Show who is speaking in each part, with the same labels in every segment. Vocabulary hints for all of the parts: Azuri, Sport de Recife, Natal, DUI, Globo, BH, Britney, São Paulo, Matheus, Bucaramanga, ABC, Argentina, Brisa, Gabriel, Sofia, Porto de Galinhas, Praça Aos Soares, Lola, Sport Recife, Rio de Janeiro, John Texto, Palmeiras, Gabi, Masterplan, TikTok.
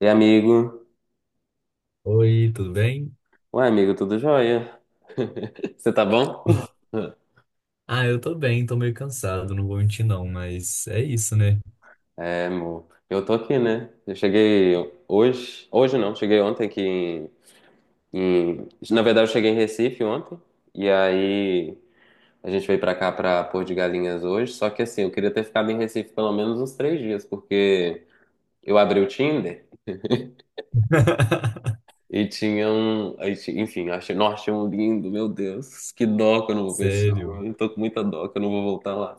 Speaker 1: E amigo?
Speaker 2: Oi, tudo bem?
Speaker 1: Ué, amigo, tudo jóia? Você tá bom?
Speaker 2: Ah, eu tô bem, tô meio cansado, não vou mentir não, mas é isso, né?
Speaker 1: É, amor. Eu tô aqui, né? Eu cheguei hoje. Hoje não, cheguei ontem aqui na verdade, eu cheguei em Recife ontem. E aí a gente veio pra cá pra Porto de Galinhas hoje. Só que assim, eu queria ter ficado em Recife pelo menos uns três dias, porque eu abri o Tinder. E tinha um. Enfim, achei, nós tínhamos um lindo, meu Deus, que dó que eu não vou ver esse
Speaker 2: Sério.
Speaker 1: homem. Eu tô com muita dó que eu não vou voltar lá.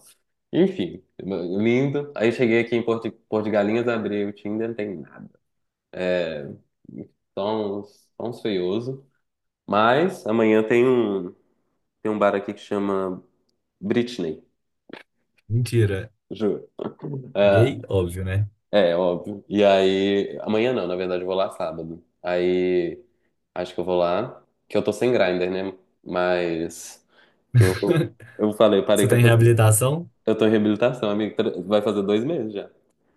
Speaker 1: Enfim, lindo. Aí cheguei aqui em Porto, Porto de Galinhas, abri o Tinder, não tem nada. Só uns feioso. Mas amanhã tem tem um bar aqui que chama Britney,
Speaker 2: Mentira.
Speaker 1: juro. É,
Speaker 2: Gay? Óbvio, né?
Speaker 1: é, óbvio. E aí. Amanhã não, na verdade eu vou lá sábado. Aí. Acho que eu vou lá. Que eu tô sem grinder, né? Mas. Eu, eu falei, parei
Speaker 2: Você
Speaker 1: com
Speaker 2: tá em
Speaker 1: essa.
Speaker 2: reabilitação?
Speaker 1: Eu tô em reabilitação, amigo. Vai fazer dois meses já.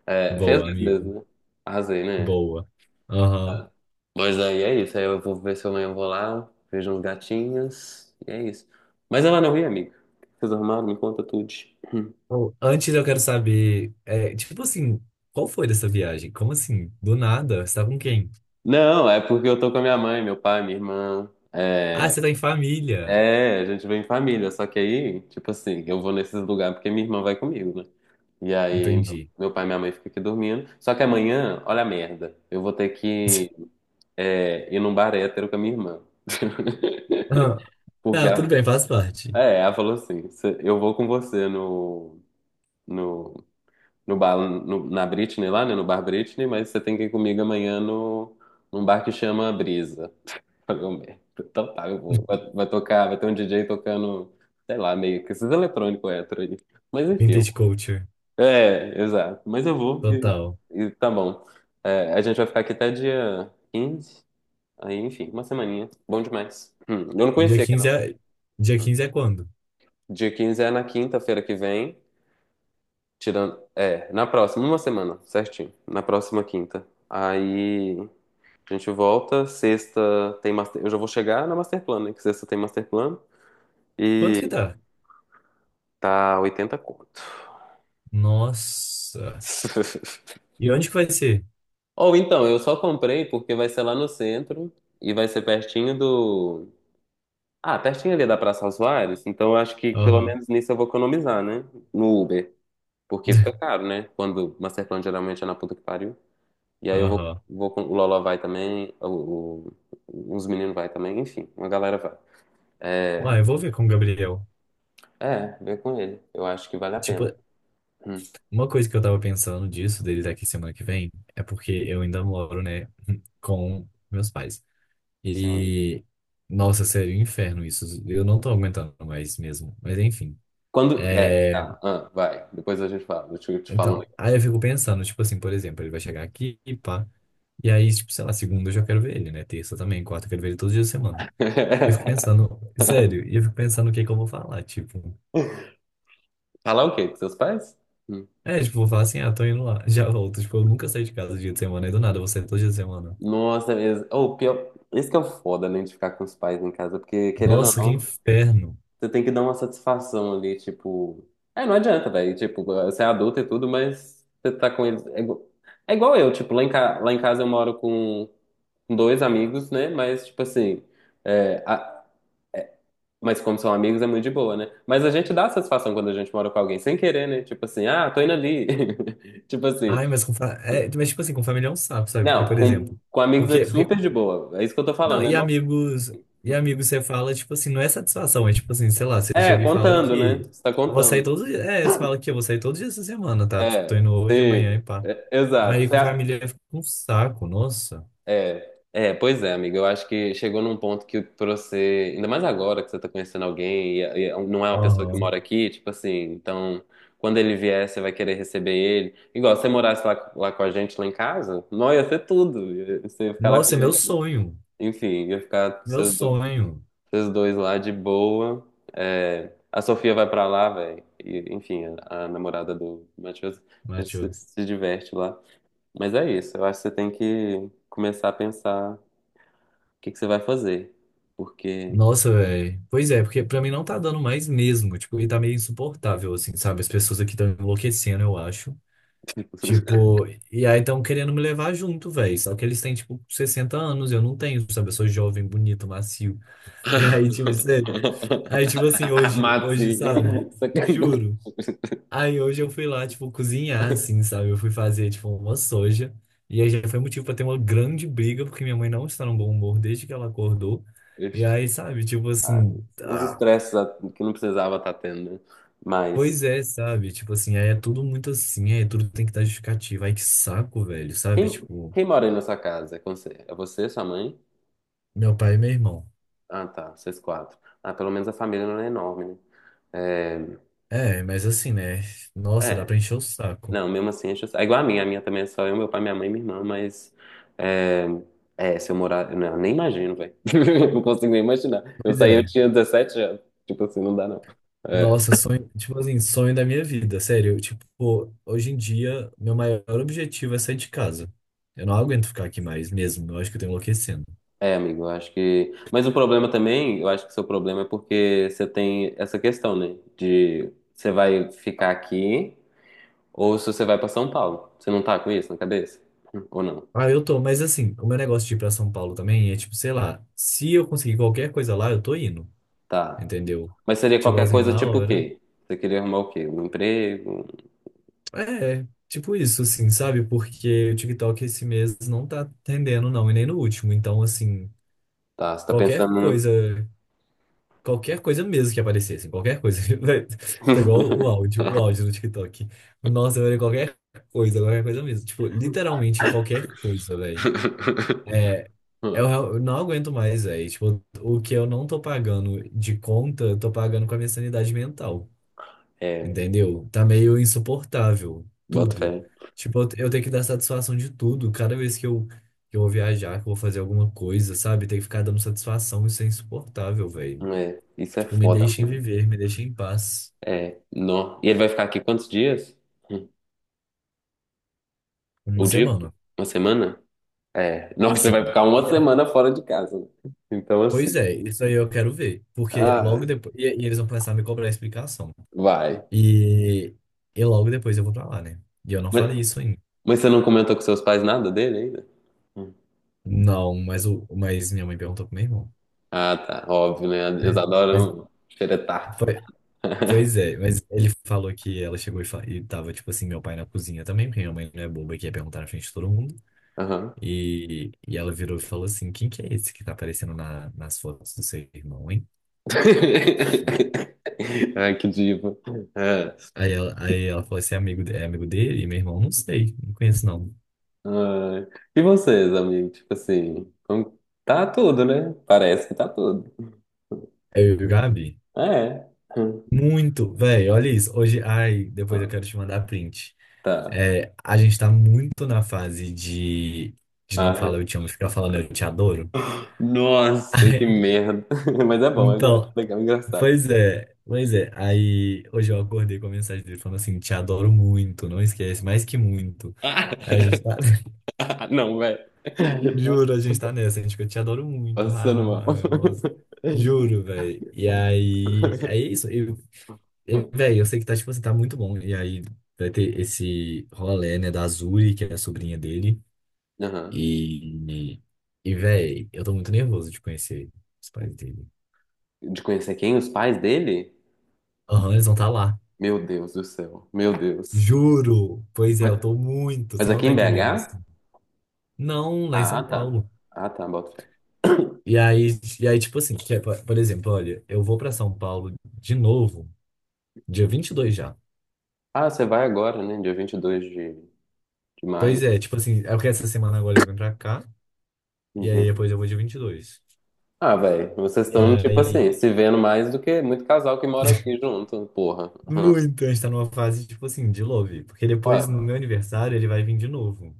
Speaker 1: É, fez
Speaker 2: Boa,
Speaker 1: dois meses,
Speaker 2: amigo.
Speaker 1: né? Arrasei, né?
Speaker 2: Boa. Aham.
Speaker 1: Tá. Mas aí é isso. Aí eu vou ver se amanhã eu vou lá, vejo uns gatinhos. E é isso. Mas ela não ri, amigo. Vocês arrumaram? Me conta tudo.
Speaker 2: Bom, antes eu quero saber, é, tipo assim, qual foi dessa viagem? Como assim? Do nada? Você tá com quem?
Speaker 1: Não, é porque eu tô com a minha mãe, meu pai, minha irmã.
Speaker 2: Ah,
Speaker 1: É,
Speaker 2: você tá em família.
Speaker 1: é, a gente vem em família. Só que aí, tipo assim, eu vou nesses lugares porque minha irmã vai comigo, né? E aí,
Speaker 2: Entendi.
Speaker 1: meu pai e minha mãe ficam aqui dormindo. Só que amanhã, olha a merda. Eu vou ter que. É, ir num bar hétero com a minha irmã.
Speaker 2: Ah,
Speaker 1: Porque
Speaker 2: tá, tudo
Speaker 1: ela,
Speaker 2: bem, faz parte.
Speaker 1: é, ela falou assim: "Cê- eu vou com você no, no bar, na Britney lá, né? No bar Britney, mas você tem que ir comigo amanhã no, num bar que chama Brisa. Falei, "Ô, merda. Então tá, eu vou. Vai, vai tocar, vai ter um DJ tocando, sei lá, meio que esses eletrônicos hétero aí. Mas enfim,
Speaker 2: Vintage culture.
Speaker 1: é, exato. Mas eu vou
Speaker 2: Total.
Speaker 1: e tá bom. É, a gente vai ficar aqui até dia 15, aí enfim, uma semaninha. Bom demais. Eu não
Speaker 2: Dia
Speaker 1: conhecia.
Speaker 2: 15, é. Dia 15 é quando?
Speaker 1: Dia 15 é na quinta-feira que vem, tirando, é, na próxima, uma semana, certinho, na próxima quinta. Aí a gente volta, sexta tem master, eu já vou chegar na master plan, né, que sexta tem master plan
Speaker 2: Quanto
Speaker 1: e
Speaker 2: que tá?
Speaker 1: tá 80 conto.
Speaker 2: Nossa. E onde que vai ser?
Speaker 1: Ou então, eu só comprei porque vai ser lá no centro e vai ser pertinho do. Ah, pertinho ali da Praça Aos Soares. Então eu acho que pelo
Speaker 2: Aham.
Speaker 1: menos nisso eu vou economizar, né? No Uber. Porque fica caro, né? Quando o Masterplan geralmente é na puta que pariu. E aí eu vou,
Speaker 2: Aham.
Speaker 1: vou com o Lola vai também, os meninos vai também, enfim, uma galera vai.
Speaker 2: Uai, eu vou ver com o Gabriel.
Speaker 1: É, vem com ele. Eu acho que vale a
Speaker 2: Tipo,
Speaker 1: pena. Hum,
Speaker 2: uma coisa que eu tava pensando disso, dele daqui semana que vem, é porque eu ainda moro, né, com meus pais.
Speaker 1: sim.
Speaker 2: E, nossa, sério, um inferno isso. Eu não tô aguentando mais mesmo. Mas enfim.
Speaker 1: Quando. É,
Speaker 2: É,
Speaker 1: tá, ah, vai. Depois a gente fala. Eu te falo.
Speaker 2: então, aí eu fico pensando, tipo assim, por exemplo, ele vai chegar aqui, pá. E aí, tipo, sei lá, segunda eu já quero ver ele, né? Terça também, quarta eu quero ver ele todos os dias da semana. E eu fico pensando, sério, e eu fico pensando o que é que eu vou falar, tipo.
Speaker 1: Falar o quê? Com seus pais? Hum.
Speaker 2: É, tipo, vou falar assim, ah, tô indo lá, já volto. Tipo, eu nunca saí de casa dia de semana, e do nada, eu vou sair todo dia de semana.
Speaker 1: Nossa, mesmo. Ou pior. Isso que é o foda, né, de ficar com os pais em casa, porque querendo ou
Speaker 2: Nossa, que
Speaker 1: não.
Speaker 2: inferno.
Speaker 1: Você tem que dar uma satisfação ali, tipo. É, não adianta, velho. Tipo, você é adulto e tudo, mas você tá com eles. É igual eu, tipo, lá em, ca... lá em casa eu moro com dois amigos, né? Mas, tipo assim. é, a- Mas como são amigos, é muito de boa, né? Mas a gente dá satisfação quando a gente mora com alguém, sem querer, né? Tipo assim, ah, tô indo ali. Tipo assim.
Speaker 2: Ai, mas é, mas tipo assim, com família é um sapo, sabe? Porque,
Speaker 1: Não,
Speaker 2: por exemplo,
Speaker 1: com amigos é
Speaker 2: porque, porque...
Speaker 1: super de boa. É isso que eu tô
Speaker 2: Não,
Speaker 1: falando, né?
Speaker 2: e
Speaker 1: Não.
Speaker 2: amigos, e amigos você fala, tipo assim, não é satisfação, é tipo assim, sei lá, você
Speaker 1: É,
Speaker 2: chega e fala
Speaker 1: contando, né?
Speaker 2: que
Speaker 1: Você tá
Speaker 2: eu vou sair
Speaker 1: contando.
Speaker 2: todos os dias, é, você fala que eu vou sair todos os dias essa semana, tá? Tipo, tô
Speaker 1: É,
Speaker 2: indo hoje, amanhã e
Speaker 1: sim.
Speaker 2: pá.
Speaker 1: É, exato.
Speaker 2: Aí com família fica um saco, nossa.
Speaker 1: É, é, pois é, amiga. Eu acho que chegou num ponto que pra você, ainda mais agora que você tá conhecendo alguém e é um, não é uma pessoa que
Speaker 2: Aham.
Speaker 1: mora aqui, tipo assim, então quando ele vier, você vai querer receber ele. Igual se você morasse lá, lá com a gente, lá em casa, não ia ser tudo. Você ia ficar lá com
Speaker 2: Nossa, é meu
Speaker 1: ele.
Speaker 2: sonho.
Speaker 1: Enfim, ia ficar
Speaker 2: Meu sonho,
Speaker 1: vocês dois lá de boa. É, a Sofia vai pra lá, velho. Enfim, a namorada do Matheus, a gente se
Speaker 2: Matheus.
Speaker 1: se diverte lá. Mas é isso, eu acho que você tem que começar a pensar o que que você vai fazer? Porque.
Speaker 2: Nossa, velho. Pois é, porque pra mim não tá dando mais mesmo. Tipo, e tá meio insuportável, assim, sabe? As pessoas aqui estão enlouquecendo, eu acho. Tipo, e aí estão querendo me levar junto, velho. Só que eles têm, tipo, 60 anos, eu não tenho, sabe? Eu sou jovem, bonito, macio. E aí, tipo, sério. Aí, tipo assim, hoje,
Speaker 1: Matinho.
Speaker 2: sabe?
Speaker 1: Sacanagem.
Speaker 2: Juro. Aí hoje eu fui lá, tipo, cozinhar, assim, sabe? Eu fui fazer, tipo, uma soja. E aí já foi motivo pra ter uma grande briga, porque minha mãe não está num bom humor desde que ela acordou. E aí, sabe, tipo
Speaker 1: Ah,
Speaker 2: assim,
Speaker 1: uns
Speaker 2: ah,
Speaker 1: estresses que não precisava estar tendo, né? Mas.
Speaker 2: pois é, sabe? Tipo assim, aí é tudo muito assim, aí tudo tem que dar justificativa. Ai, que saco, velho, sabe? Tipo,
Speaker 1: Quem mora aí na sua casa? É com você? É você, sua mãe?
Speaker 2: meu pai e meu irmão.
Speaker 1: Ah, tá. Vocês quatro. Ah, pelo menos a família não é enorme, né?
Speaker 2: É, mas assim, né?
Speaker 1: É,
Speaker 2: Nossa, dá
Speaker 1: é.
Speaker 2: pra encher o saco.
Speaker 1: Não, mesmo assim, acho... é igual a minha. A minha também é só eu, meu pai, minha mãe e minha irmã, mas. É, é, se eu morar. Não, eu nem imagino, velho. Não consigo nem imaginar. Eu
Speaker 2: Pois
Speaker 1: saí, eu
Speaker 2: é.
Speaker 1: tinha 17 anos. Tipo assim, não dá, não. É,
Speaker 2: Nossa, sonho, tipo assim, sonho da minha vida, sério. Tipo, hoje em dia, meu maior objetivo é sair de casa. Eu não aguento ficar aqui mais mesmo, eu acho que eu tô enlouquecendo.
Speaker 1: é, amigo, eu acho que. Mas o problema também, eu acho que o seu problema é porque você tem essa questão, né? De você vai ficar aqui ou se você vai pra São Paulo. Você não tá com isso na cabeça? Ou não?
Speaker 2: Ah, eu tô, mas assim, o meu negócio de ir pra São Paulo também é tipo, sei lá, se eu conseguir qualquer coisa lá, eu tô indo,
Speaker 1: Tá.
Speaker 2: entendeu?
Speaker 1: Mas seria
Speaker 2: Tipo
Speaker 1: qualquer
Speaker 2: assim,
Speaker 1: coisa
Speaker 2: na
Speaker 1: tipo o
Speaker 2: hora.
Speaker 1: quê? Você queria arrumar o quê? Um emprego?
Speaker 2: É, tipo isso, assim, sabe? Porque o TikTok esse mês não tá atendendo, não, e nem no último. Então, assim,
Speaker 1: Tá, você tá
Speaker 2: qualquer
Speaker 1: pensando.
Speaker 2: coisa. Qualquer coisa mesmo que aparecesse, qualquer coisa. Tá igual o áudio, o áudio do TikTok. Nossa, velho, qualquer coisa mesmo. Tipo, literalmente qualquer coisa, velho. É, eu não aguento mais, velho. Tipo, o que eu não tô pagando de conta, eu tô pagando com a minha sanidade mental.
Speaker 1: É,
Speaker 2: Entendeu? Tá meio insuportável,
Speaker 1: bota fé.
Speaker 2: tudo. Tipo, eu tenho que dar satisfação de tudo. Cada vez que que eu vou viajar, que eu vou fazer alguma coisa, sabe? Tem que ficar dando satisfação, isso é insuportável, velho.
Speaker 1: É, isso é
Speaker 2: Tipo, me
Speaker 1: foda
Speaker 2: deixem
Speaker 1: mesmo.
Speaker 2: viver, me deixem em paz.
Speaker 1: É, nó. E ele vai ficar aqui quantos dias? Hum.
Speaker 2: Uma
Speaker 1: O dia?
Speaker 2: semana.
Speaker 1: Uma semana? É, nossa, você vai
Speaker 2: Sim.
Speaker 1: ficar uma semana fora de casa. Né? Então,
Speaker 2: Pois
Speaker 1: assim.
Speaker 2: é, isso aí eu quero ver. Porque
Speaker 1: Ah,
Speaker 2: logo depois. E eles vão começar a me cobrar explicação.
Speaker 1: vai.
Speaker 2: E, e logo depois eu vou pra lá, né? E eu não
Speaker 1: Mas,
Speaker 2: falei isso ainda.
Speaker 1: mas você não comentou com seus pais nada dele ainda? Hum.
Speaker 2: Não, mas minha mãe perguntou pro meu irmão.
Speaker 1: Ah, tá. Óbvio, né? Eles
Speaker 2: Mas, mas
Speaker 1: adoram xeretar.
Speaker 2: foi- Pois é, mas ele falou que ela chegou e, e tava, tipo assim, meu pai na cozinha também, porque minha mãe não é boba que ia perguntar na frente de todo mundo.
Speaker 1: Aham.
Speaker 2: E ela virou e falou assim: quem que é esse que tá aparecendo nas fotos do seu irmão, hein?
Speaker 1: Ai, que diva. É.
Speaker 2: Aí ela falou esse é amigo, é amigo dele? E meu irmão, não sei, não conheço não.
Speaker 1: Ai. E vocês, amigo? Tipo assim, como- tá tudo, né? Parece que tá tudo.
Speaker 2: Aí eu e o Gabi,
Speaker 1: É.
Speaker 2: muito, velho, olha isso. Hoje, ai, depois eu
Speaker 1: Ah,
Speaker 2: quero te mandar print.
Speaker 1: tá.
Speaker 2: É, a gente tá muito na fase de não
Speaker 1: Ai.
Speaker 2: falar eu te amo, ficar falando eu te adoro.
Speaker 1: Nossa, que merda. Mas é bom, é
Speaker 2: Então,
Speaker 1: legal, é engraçado.
Speaker 2: pois é, pois é. Aí hoje eu acordei com a mensagem dele falando assim, te adoro muito, não esquece, mais que muito.
Speaker 1: Ah.
Speaker 2: Aí a gente tá.
Speaker 1: Não, velho.
Speaker 2: Juro, a gente tá nessa, gente, que eu te adoro muito. Ha,
Speaker 1: Passando mal.
Speaker 2: ha, ha, é nossa. Juro, velho. E aí, é isso. Velho, eu sei que tá, tipo assim, tá muito bom. E aí vai ter esse rolê, né, da Azuri, que é a sobrinha dele.
Speaker 1: Aham.
Speaker 2: E, e velho, eu tô muito nervoso de conhecer os pais dele.
Speaker 1: De conhecer quem? Os pais dele?
Speaker 2: Aham, eles vão estar tá lá.
Speaker 1: Meu Deus do céu. Meu Deus.
Speaker 2: Juro. Pois é,
Speaker 1: Mas
Speaker 2: eu tô muito. Você
Speaker 1: mas
Speaker 2: não
Speaker 1: aqui
Speaker 2: tá
Speaker 1: em
Speaker 2: entendendo,
Speaker 1: BH?
Speaker 2: assim. Não, lá em
Speaker 1: Ah,
Speaker 2: São
Speaker 1: tá.
Speaker 2: Paulo.
Speaker 1: Ah, tá, bota fé.
Speaker 2: E aí, e aí tipo assim, que é, por exemplo, olha, eu vou pra São Paulo de novo. Dia 22 já.
Speaker 1: Ah, você vai agora, né? Dia 22 de maio.
Speaker 2: Pois é, tipo assim, é porque essa semana agora ele vem pra cá, e aí
Speaker 1: Uhum.
Speaker 2: depois eu vou dia 22
Speaker 1: Ah, velho, vocês
Speaker 2: e
Speaker 1: estão, tipo
Speaker 2: aí,
Speaker 1: assim, se vendo mais do que muito casal que mora aqui junto, porra. Uhum.
Speaker 2: muito, a gente tá numa fase, tipo assim, de love. Porque depois, no
Speaker 1: Olha,
Speaker 2: meu aniversário, ele vai vir de novo,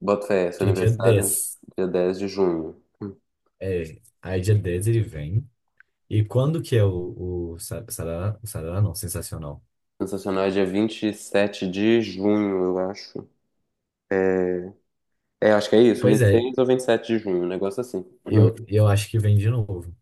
Speaker 1: bota fé, seu
Speaker 2: que é dia
Speaker 1: aniversário
Speaker 2: 10.
Speaker 1: é dia 10 de junho.
Speaker 2: É, aí dia 10 ele vem. E quando que é o sarará? O sarará não, sensacional.
Speaker 1: Sensacional, é dia 27 de junho, eu acho. É, é, acho que é isso.
Speaker 2: Pois
Speaker 1: Vinte e
Speaker 2: é,
Speaker 1: seis ou 27 de junho, um negócio assim. Hum.
Speaker 2: eu acho que vem de novo.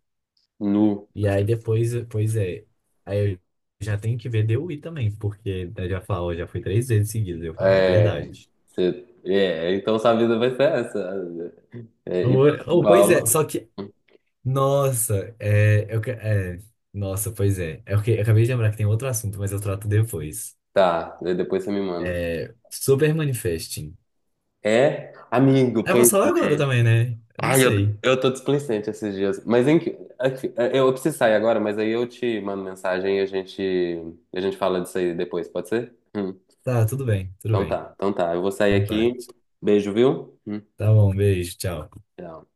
Speaker 1: Nu.
Speaker 2: E aí depois, pois é, aí eu já tenho que ver DUI também, porque ele já falou já foi três vezes seguidas. Eu falo, ah, é
Speaker 1: É,
Speaker 2: verdade.
Speaker 1: é, então sua vida vai ser essa. É, ir
Speaker 2: Ou,
Speaker 1: pra São
Speaker 2: ou, pois é,
Speaker 1: Paulo.
Speaker 2: só que nossa, nossa, pois é. É porque eu acabei de lembrar que tem outro assunto, mas eu trato depois.
Speaker 1: Tá, daí depois você me manda.
Speaker 2: É, super manifesting.
Speaker 1: É, amigo,
Speaker 2: Ah, eu
Speaker 1: pois
Speaker 2: posso falar agora
Speaker 1: é.
Speaker 2: também, né? Eu não
Speaker 1: Ai,
Speaker 2: sei.
Speaker 1: eu tô displicente esses dias. Mas eu preciso sair agora, mas aí eu te mando mensagem e a a gente fala disso aí depois, pode ser?
Speaker 2: Tá, tudo bem, tudo bem.
Speaker 1: Então tá. Eu vou sair
Speaker 2: Então tá.
Speaker 1: aqui. Beijo, viu?
Speaker 2: Tá bom, beijo, tchau.
Speaker 1: Tchau.